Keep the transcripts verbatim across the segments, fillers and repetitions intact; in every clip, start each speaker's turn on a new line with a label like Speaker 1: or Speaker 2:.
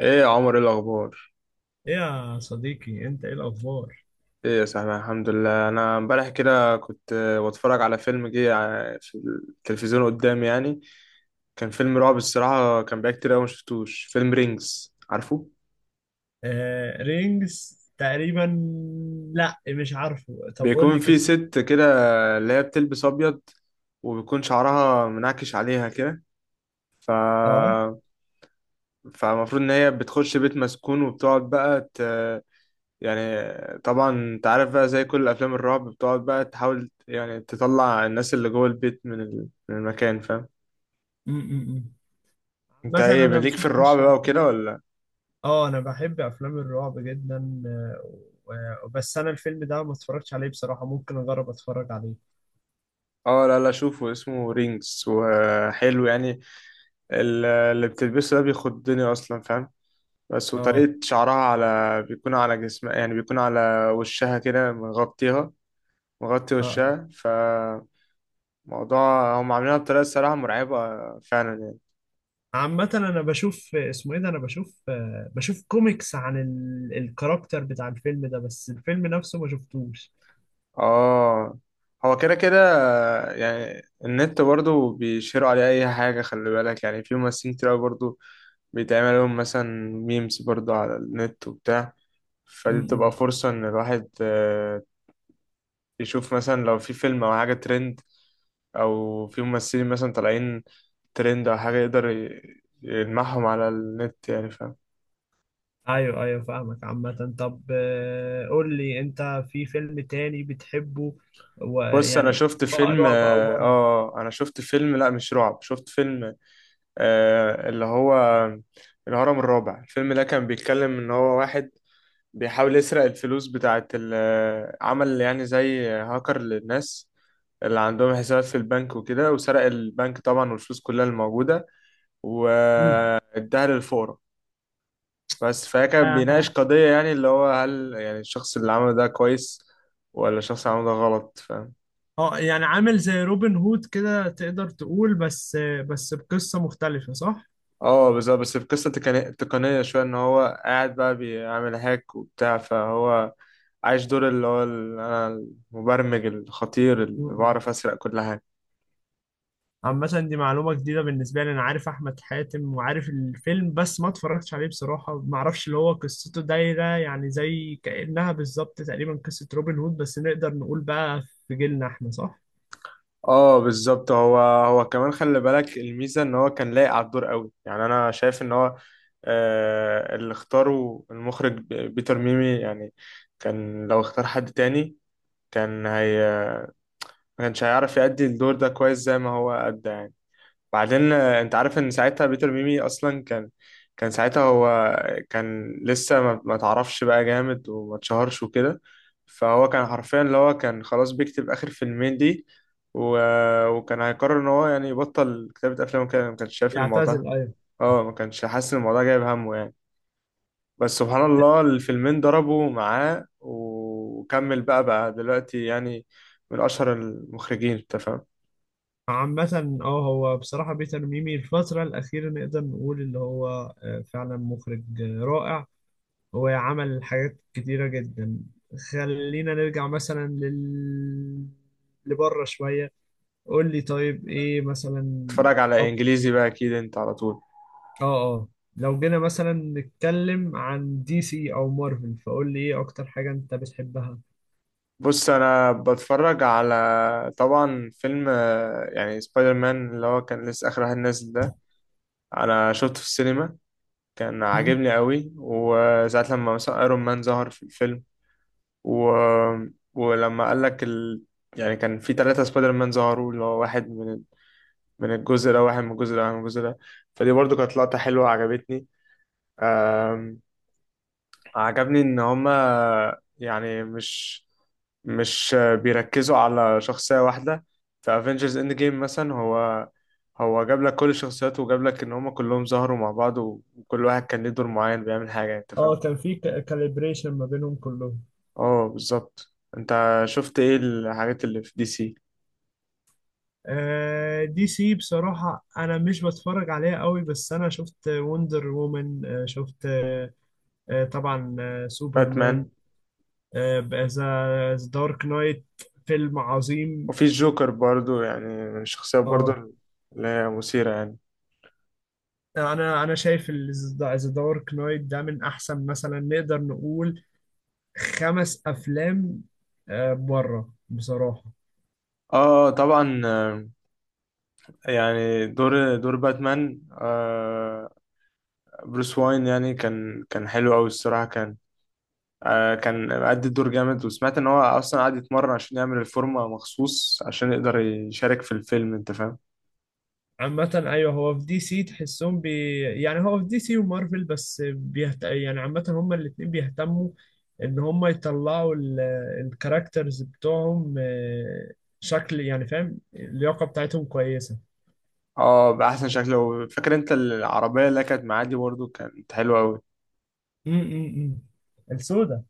Speaker 1: ايه يا عمر، ايه الاخبار؟
Speaker 2: إيه يا صديقي، انت ايه الاخبار؟
Speaker 1: ايه يا سهلا، الحمد لله. انا امبارح كده كنت آه، بتفرج على فيلم جه ع- في التلفزيون قدامي يعني. كان فيلم رعب الصراحه، كان بقى كتير قوي. ما شفتوش فيلم رينجز؟ عارفه،
Speaker 2: آه رينجز تقريبا. لا مش عارفه، طب قول
Speaker 1: بيكون
Speaker 2: لي
Speaker 1: في
Speaker 2: قصته.
Speaker 1: ست كده اللي هي بتلبس ابيض وبيكون شعرها منعكش عليها كده. ف
Speaker 2: اه
Speaker 1: فالمفروض ان هي بتخش بيت مسكون وبتقعد بقى ت... يعني، طبعا انت عارف بقى زي كل افلام الرعب، بتقعد بقى تحاول يعني تطلع الناس اللي جوه البيت من ال- من المكان، فاهم؟
Speaker 2: م- م- م.
Speaker 1: انت
Speaker 2: مثلا
Speaker 1: ايه
Speaker 2: انا ما
Speaker 1: ليك في الرعب
Speaker 2: شفتش
Speaker 1: بقى
Speaker 2: ال-
Speaker 1: وكده ولا؟
Speaker 2: اه انا بحب افلام الرعب جدا آه، و- بس انا الفيلم ده ما اتفرجتش عليه بصراحة، ممكن اجرب اتفرج عليه.
Speaker 1: اه، لا لا شوفه، اسمه رينجز وحلو يعني. ال- اللي بتلبسه ده بيخضني اصلا، فاهم؟ بس
Speaker 2: اه
Speaker 1: وطريقة شعرها على بيكون على جسمها، يعني بيكون على وشها كده مغطيها، مغطي
Speaker 2: اه آه.
Speaker 1: وشها. فموضوع هم عاملينها بطريقة الصراحة مرعبة فعلا يعني.
Speaker 2: عامة انا بشوف اسمه ايه ده، انا بشوف آه، بشوف كوميكس عن ال- الكاركتر بتاع الفيلم ده، بس الفيلم نفسه ما شفتوش.
Speaker 1: اه، هو كده كده يعني. النت برضو بيشيروا عليه اي حاجة، خلي بالك يعني، في ممثلين كتير أوي برضو بيتعمل لهم مثلا ميمز برضو على النت وبتاع.
Speaker 2: م-
Speaker 1: فدي بتبقى
Speaker 2: م.
Speaker 1: فرصة ان الواحد آه، يشوف مثلا لو في فيلم او حاجة ترند، او في ممثلين مثلا طالعين ترند او حاجة، يقدر ي- يلمحهم على النت يعني، فاهم؟
Speaker 2: ايوه ايوه فاهمك. عامة طب آه، قول لي انت في فيلم تاني بتحبه،
Speaker 1: بص، انا
Speaker 2: ويعني
Speaker 1: شفت
Speaker 2: بقى
Speaker 1: فيلم
Speaker 2: رعب او
Speaker 1: اه،
Speaker 2: بره.
Speaker 1: آه، انا شفت فيلم، لا مش رعب، شفت فيلم آه، اللي هو الهرم الرابع. الفيلم ده كان بيتكلم ان هو واحد بيحاول يسرق الفلوس بتاعت ال- عمل يعني زي هاكر للناس اللي عندهم حسابات في البنك وكده، وسرق البنك طبعا والفلوس كلها الموجودة
Speaker 2: مم.
Speaker 1: واداها للفقراء. بس فهي كان بيناقش
Speaker 2: آه،
Speaker 1: قضية يعني، اللي هو هل يعني الشخص اللي عمله ده كويس ولا الشخص اللي عمله ده غلط، فاهم؟
Speaker 2: آه، يعني عامل زي روبن هود كده تقدر تقول، بس آه، بس بقصة مختلفة صح؟
Speaker 1: اه بس، بس في قصة تقنية، تقنية شوية، ان هو قاعد بقى بيعمل هاك وبتاع. فهو عايش دور اللي هو ال- انا المبرمج الخطير اللي
Speaker 2: مم.
Speaker 1: بعرف اسرق كل حاجة.
Speaker 2: عامة دي معلومة جديدة بالنسبة لي، أنا عارف أحمد حاتم وعارف الفيلم بس ما اتفرجتش عليه بصراحة، ما أعرفش اللي هو قصته دايرة يعني زي كأنها بالظبط تقريبا قصة روبن هود، بس نقدر نقول بقى في جيلنا إحنا صح؟
Speaker 1: اه بالظبط. هو هو كمان، خلي بالك الميزة ان هو كان لايق على الدور قوي. يعني انا شايف ان هو آه اللي اختاره المخرج ب- بيتر ميمي يعني، كان لو اختار حد تاني كان هي ما كانش هيعرف يأدي الدور ده كويس زي ما هو أدى يعني. بعدين آه، انت عارف ان ساعتها بيتر ميمي اصلا كان، كان ساعتها هو كان لسه ما ما تعرفش بقى جامد وما اتشهرش وكده. فهو كان حرفيا اللي هو كان خلاص بيكتب اخر فيلمين دي، و... وكان هيقرر ان هو يعني يبطل كتابة افلام وكده، ما كانش شايف الموضوع.
Speaker 2: يعتزل أيوه.
Speaker 1: اه، ما كانش حاسس ان الموضوع جايب همه يعني. بس سبحان الله، الفيلمين ضربوا معاه وكمل، بقى بقى دلوقتي يعني من اشهر المخرجين، انت فاهم.
Speaker 2: عامة اه، هو بصراحة بيتر ميمي الفترة الأخيرة نقدر نقول اللي هو آه، فعلا مخرج آه، رائع، هو عمل حاجات كتيرة جدا. خلينا نرجع مثلا لل لبره شوية، قول لي طيب ايه مثلا.
Speaker 1: تتفرج على
Speaker 2: أك-
Speaker 1: انجليزي بقى اكيد انت على طول.
Speaker 2: اه اه، لو جينا مثلا نتكلم عن دي سي او مارفل فقول لي ايه اكتر حاجة انت بتحبها.
Speaker 1: بص، انا بتفرج على طبعا فيلم آه، يعني سبايدر مان اللي هو كان لسه اخر واحد نازل ده، انا شفته في السينما، كان
Speaker 2: مم.
Speaker 1: عاجبني قوي. وساعة لما مثلا ايرون مان ظهر في الفيلم، و... ولما قال لك ال... يعني كان في ثلاثة سبايدر مان ظهروا، اللي هو واحد من من الجزء ده، واحد من الجزء ده، واحد من الجزء ده. فدي برضو كانت لقطة حلوة، عجبتني. عجبني ان هما يعني مش مش بيركزوا على شخصية واحدة. في افنجرز اند جيم مثلا، هو هو جاب لك كل الشخصيات وجاب لك ان هما كلهم ظهروا مع بعض، وكل واحد كان ليه دور معين بيعمل حاجة، انت فاهم.
Speaker 2: اه كان في كاليبريشن ما بينهم كلهم.
Speaker 1: اه بالظبط. انت شفت ايه الحاجات اللي في دي سي؟
Speaker 2: آه، دي سي بصراحة أنا مش بتفرج عليها قوي، بس أنا شفت وندر وومن، آه، شفت آه، آه، طبعا آه، سوبرمان،
Speaker 1: باتمان.
Speaker 2: ذا دارك نايت فيلم عظيم.
Speaker 1: وفي الجوكر برضو يعني، من الشخصيات برضو
Speaker 2: اه،
Speaker 1: اللي هي مثيرة يعني.
Speaker 2: أنا أنا شايف ذا دارك نايت ده من أحسن مثلا نقدر نقول خمس أفلام آه، بره بصراحة.
Speaker 1: اه طبعا، آه، يعني دور، دور باتمان، آه بروس واين يعني، كان كان حلو قوي الصراحه. كان آه كان أدى الدور جامد، وسمعت ان هو اصلا قعد يتمرن عشان يعمل الفورمه مخصوص عشان يقدر يشارك في الفيلم، انت فاهم.
Speaker 2: عامة أيوه، هو في دي سي تحسهم بي يعني هو في دي سي ومارفل بس بيهت... يعني عامة هما الاتنين بيهتموا إن هما يطلعوا ال... الكاركترز بتوعهم آه، شكل يعني، فاهم؟ اللياقة بتاعتهم كويسة.
Speaker 1: اه باحسن شكل. فاكر انت العربيه اللي كانت معاه دي؟ برضه كانت حلوه قوي.
Speaker 2: امم، السوداء.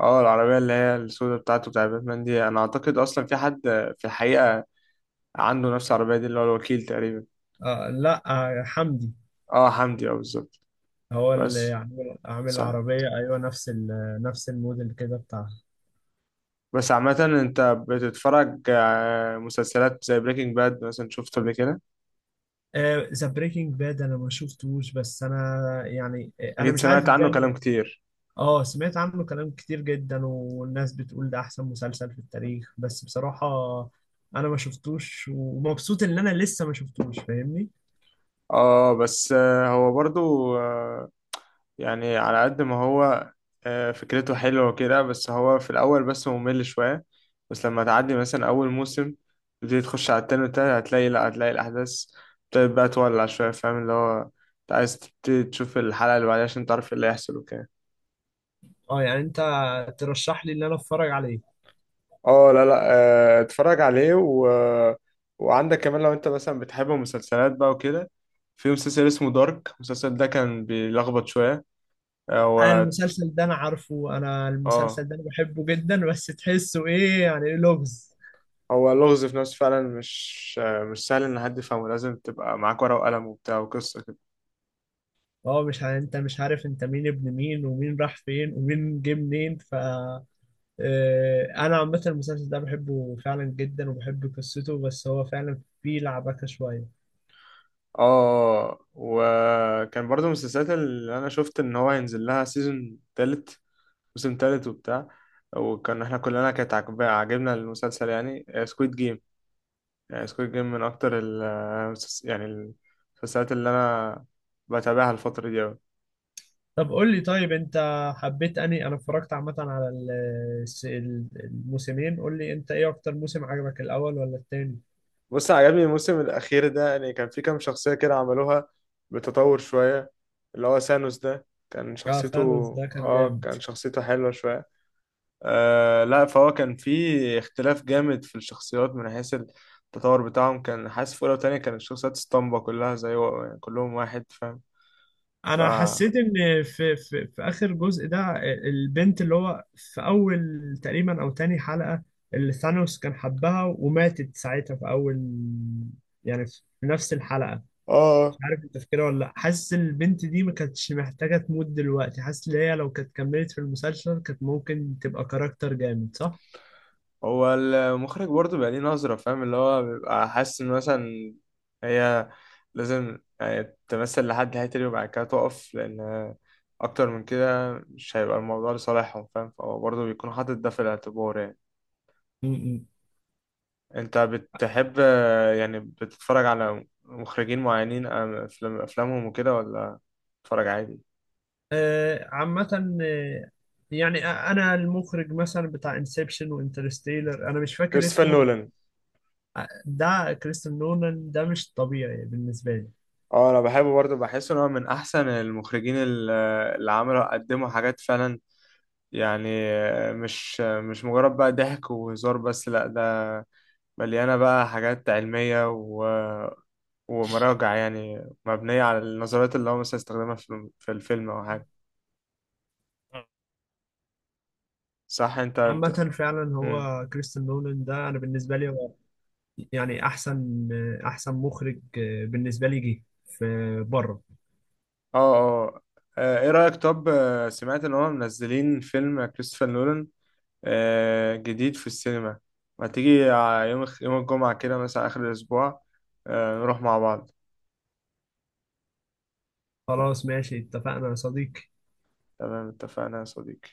Speaker 1: اه، العربيه اللي هي السوداء بتاعته، بتاع باتمان دي، انا اعتقد اصلا في حد في الحقيقه عنده نفس العربيه دي، اللي هو الوكيل تقريبا.
Speaker 2: آه لا، آه حمدي.
Speaker 1: اه حمدي، اه بالظبط.
Speaker 2: هو اللي
Speaker 1: بس
Speaker 2: عامل عامل
Speaker 1: صح.
Speaker 2: العربية أيوه نفس ال... نفس الموديل كده بتاعها.
Speaker 1: بس عامه انت بتتفرج آه، مسلسلات زي بريكنج باد مثلا؟ شفت قبل كده؟
Speaker 2: ذا بريكنج باد أنا ما شفتوش، بس أنا يعني آه، أنا
Speaker 1: أكيد
Speaker 2: مش عارف
Speaker 1: سمعت عنه
Speaker 2: إزاي.
Speaker 1: كلام كتير.
Speaker 2: اه سمعت عنه كلام كتير جدا والناس بتقول ده احسن مسلسل في التاريخ، بس بصراحة انا ما شفتوش ومبسوط ان انا لسه ما شفتوش، فاهمني؟
Speaker 1: اه بس آه، هو برضو آه، يعني على قد ما هو آه، فكرته حلوة وكده، بس هو في الأول بس ممل شوية. بس لما تعدي مثلا أول موسم تبتدي تخش على التاني والتالت، هتلاقي لأ، هتلاقي الأحداث ابتدت بقى تولع شوية، فاهم. اللي هو أنت عايز تبتدي تشوف الحلقة اللي بعدها عشان تعرف إيه اللي هيحصل وكده.
Speaker 2: اه يعني انت ترشح لي ان انا اتفرج عليه.
Speaker 1: اه لا لا، آه، اتفرج عليه. و... وعندك كمان لو انت مثلا بتحب المسلسلات بقى وكده، في مسلسل اسمه دارك. المسلسل ده كان بيلخبط شوية،
Speaker 2: آه،
Speaker 1: هو
Speaker 2: المسلسل ده انا عارفه، انا
Speaker 1: اه
Speaker 2: المسلسل ده انا بحبه جدا، بس تحسه ايه يعني إيه، لغز.
Speaker 1: هو اللغز في نفسه فعلا، مش مش سهل ان حد يفهمه، لازم تبقى معاك ورقة وقلم وبتاع وقصة كده.
Speaker 2: اه مش ع- انت مش عارف انت مين ابن مين ومين راح فين ومين جه منين، ف آه، انا عامة المسلسل ده بحبه فعلا جدا وبحب قصته، بس هو فعلا فيه لعبكة شوية.
Speaker 1: اه، وكان برضو من السلسلات اللي انا شفت ان هو هينزل لها سيزون تالت، موسم تالت وبتاع. وكان احنا كلنا كانت عاجب- عاجبنا المسلسل، يعني سكويد جيم. يعني سكويد جيم من اكتر ال آه، المسلس- يعني المسلسلات اللي انا بتابعها الفترة دي أوي.
Speaker 2: طب قول لي طيب انت حبيت اني انا اتفرجت عامه على ال- الس- ال- الموسمين، قول لي انت ايه اكتر موسم عجبك الاول ولا التاني.
Speaker 1: بص، عجبني الموسم الأخير ده، يعني كان في كام شخصية كده عملوها بتطور شوية، اللي هو سانوس ده كان
Speaker 2: اه
Speaker 1: شخصيته،
Speaker 2: ثانوس ده كان
Speaker 1: اه
Speaker 2: جامد.
Speaker 1: كان شخصيته حلوة شوية. آه لا، فهو كان في اختلاف جامد في الشخصيات من حيث التطور بتاعهم، كان حاسس في أولى وتانية كانت الشخصيات اسطمبة كلها زي و... يعني كلهم واحد، فاهم. ف
Speaker 2: انا حسيت ان في في في اخر جزء ده البنت اللي هو في اول تقريبا او تاني حلقة اللي ثانوس كان حبها وماتت ساعتها في اول يعني في نفس الحلقة، مش
Speaker 1: اه،
Speaker 2: عارف انت فاكرها ولا لا، حاسس البنت دي ما كانتش محتاجة تموت دلوقتي، حاسس ان هي لو كانت كملت في المسلسل كانت ممكن تبقى كاركتر جامد صح؟
Speaker 1: هو المخرج برضه بقى ليه نظرة، فاهم، اللي هو بيبقى حاسس إن مثلا هي لازم يعني تمثل لحد هيتري وبعد كده تقف، لأن أكتر من كده مش هيبقى الموضوع لصالحهم، فاهم. فهو برضه بيكون حاطط ده في الاعتبار يعني.
Speaker 2: م-م.
Speaker 1: أنت بتحب يعني بتتفرج على مخرجين معينين أم- أفلام، أفلامهم وكده ولا بتتفرج عادي؟
Speaker 2: آه عامة آه، يعني آه، انا المخرج مثلا بتاع انسبشن وانترستيلر انا مش فاكر
Speaker 1: كريستوفر
Speaker 2: اسمه.
Speaker 1: نولان.
Speaker 2: آه، ده كريستن نولان ده مش طبيعي بالنسبة لي.
Speaker 1: اه انا بحبه برضه، بحس ان هو من احسن المخرجين، ال- اللي عملوا، قدموا حاجات فعلا يعني، مش مش مجرد بقى ضحك وهزار بس، لأ ده مليانة بقى حاجات علمية و... ومراجع، يعني مبنية على النظريات اللي هو مثلا استخدمها في في الفيلم أو حاجة. صح؟ أنت
Speaker 2: عامة
Speaker 1: بت-
Speaker 2: فعلا
Speaker 1: مم.
Speaker 2: هو كريستن نولان ده أنا بالنسبة لي هو يعني أحسن آه، أحسن مخرج آه، بالنسبة لي جه في بره.
Speaker 1: اه اه، آه، ايه رأيك طب، آه، سمعت إن هما منزلين فيلم كريستوفر نولان آه، جديد في السينما؟ ما تيجي ع- يوم الخ- يوم الجمعة كده مثلا آخر الأسبوع، آه، نروح مع بعض.
Speaker 2: خلاص ماشي، اتفقنا يا صديقي.
Speaker 1: تمام، اتفقنا يا صديقي.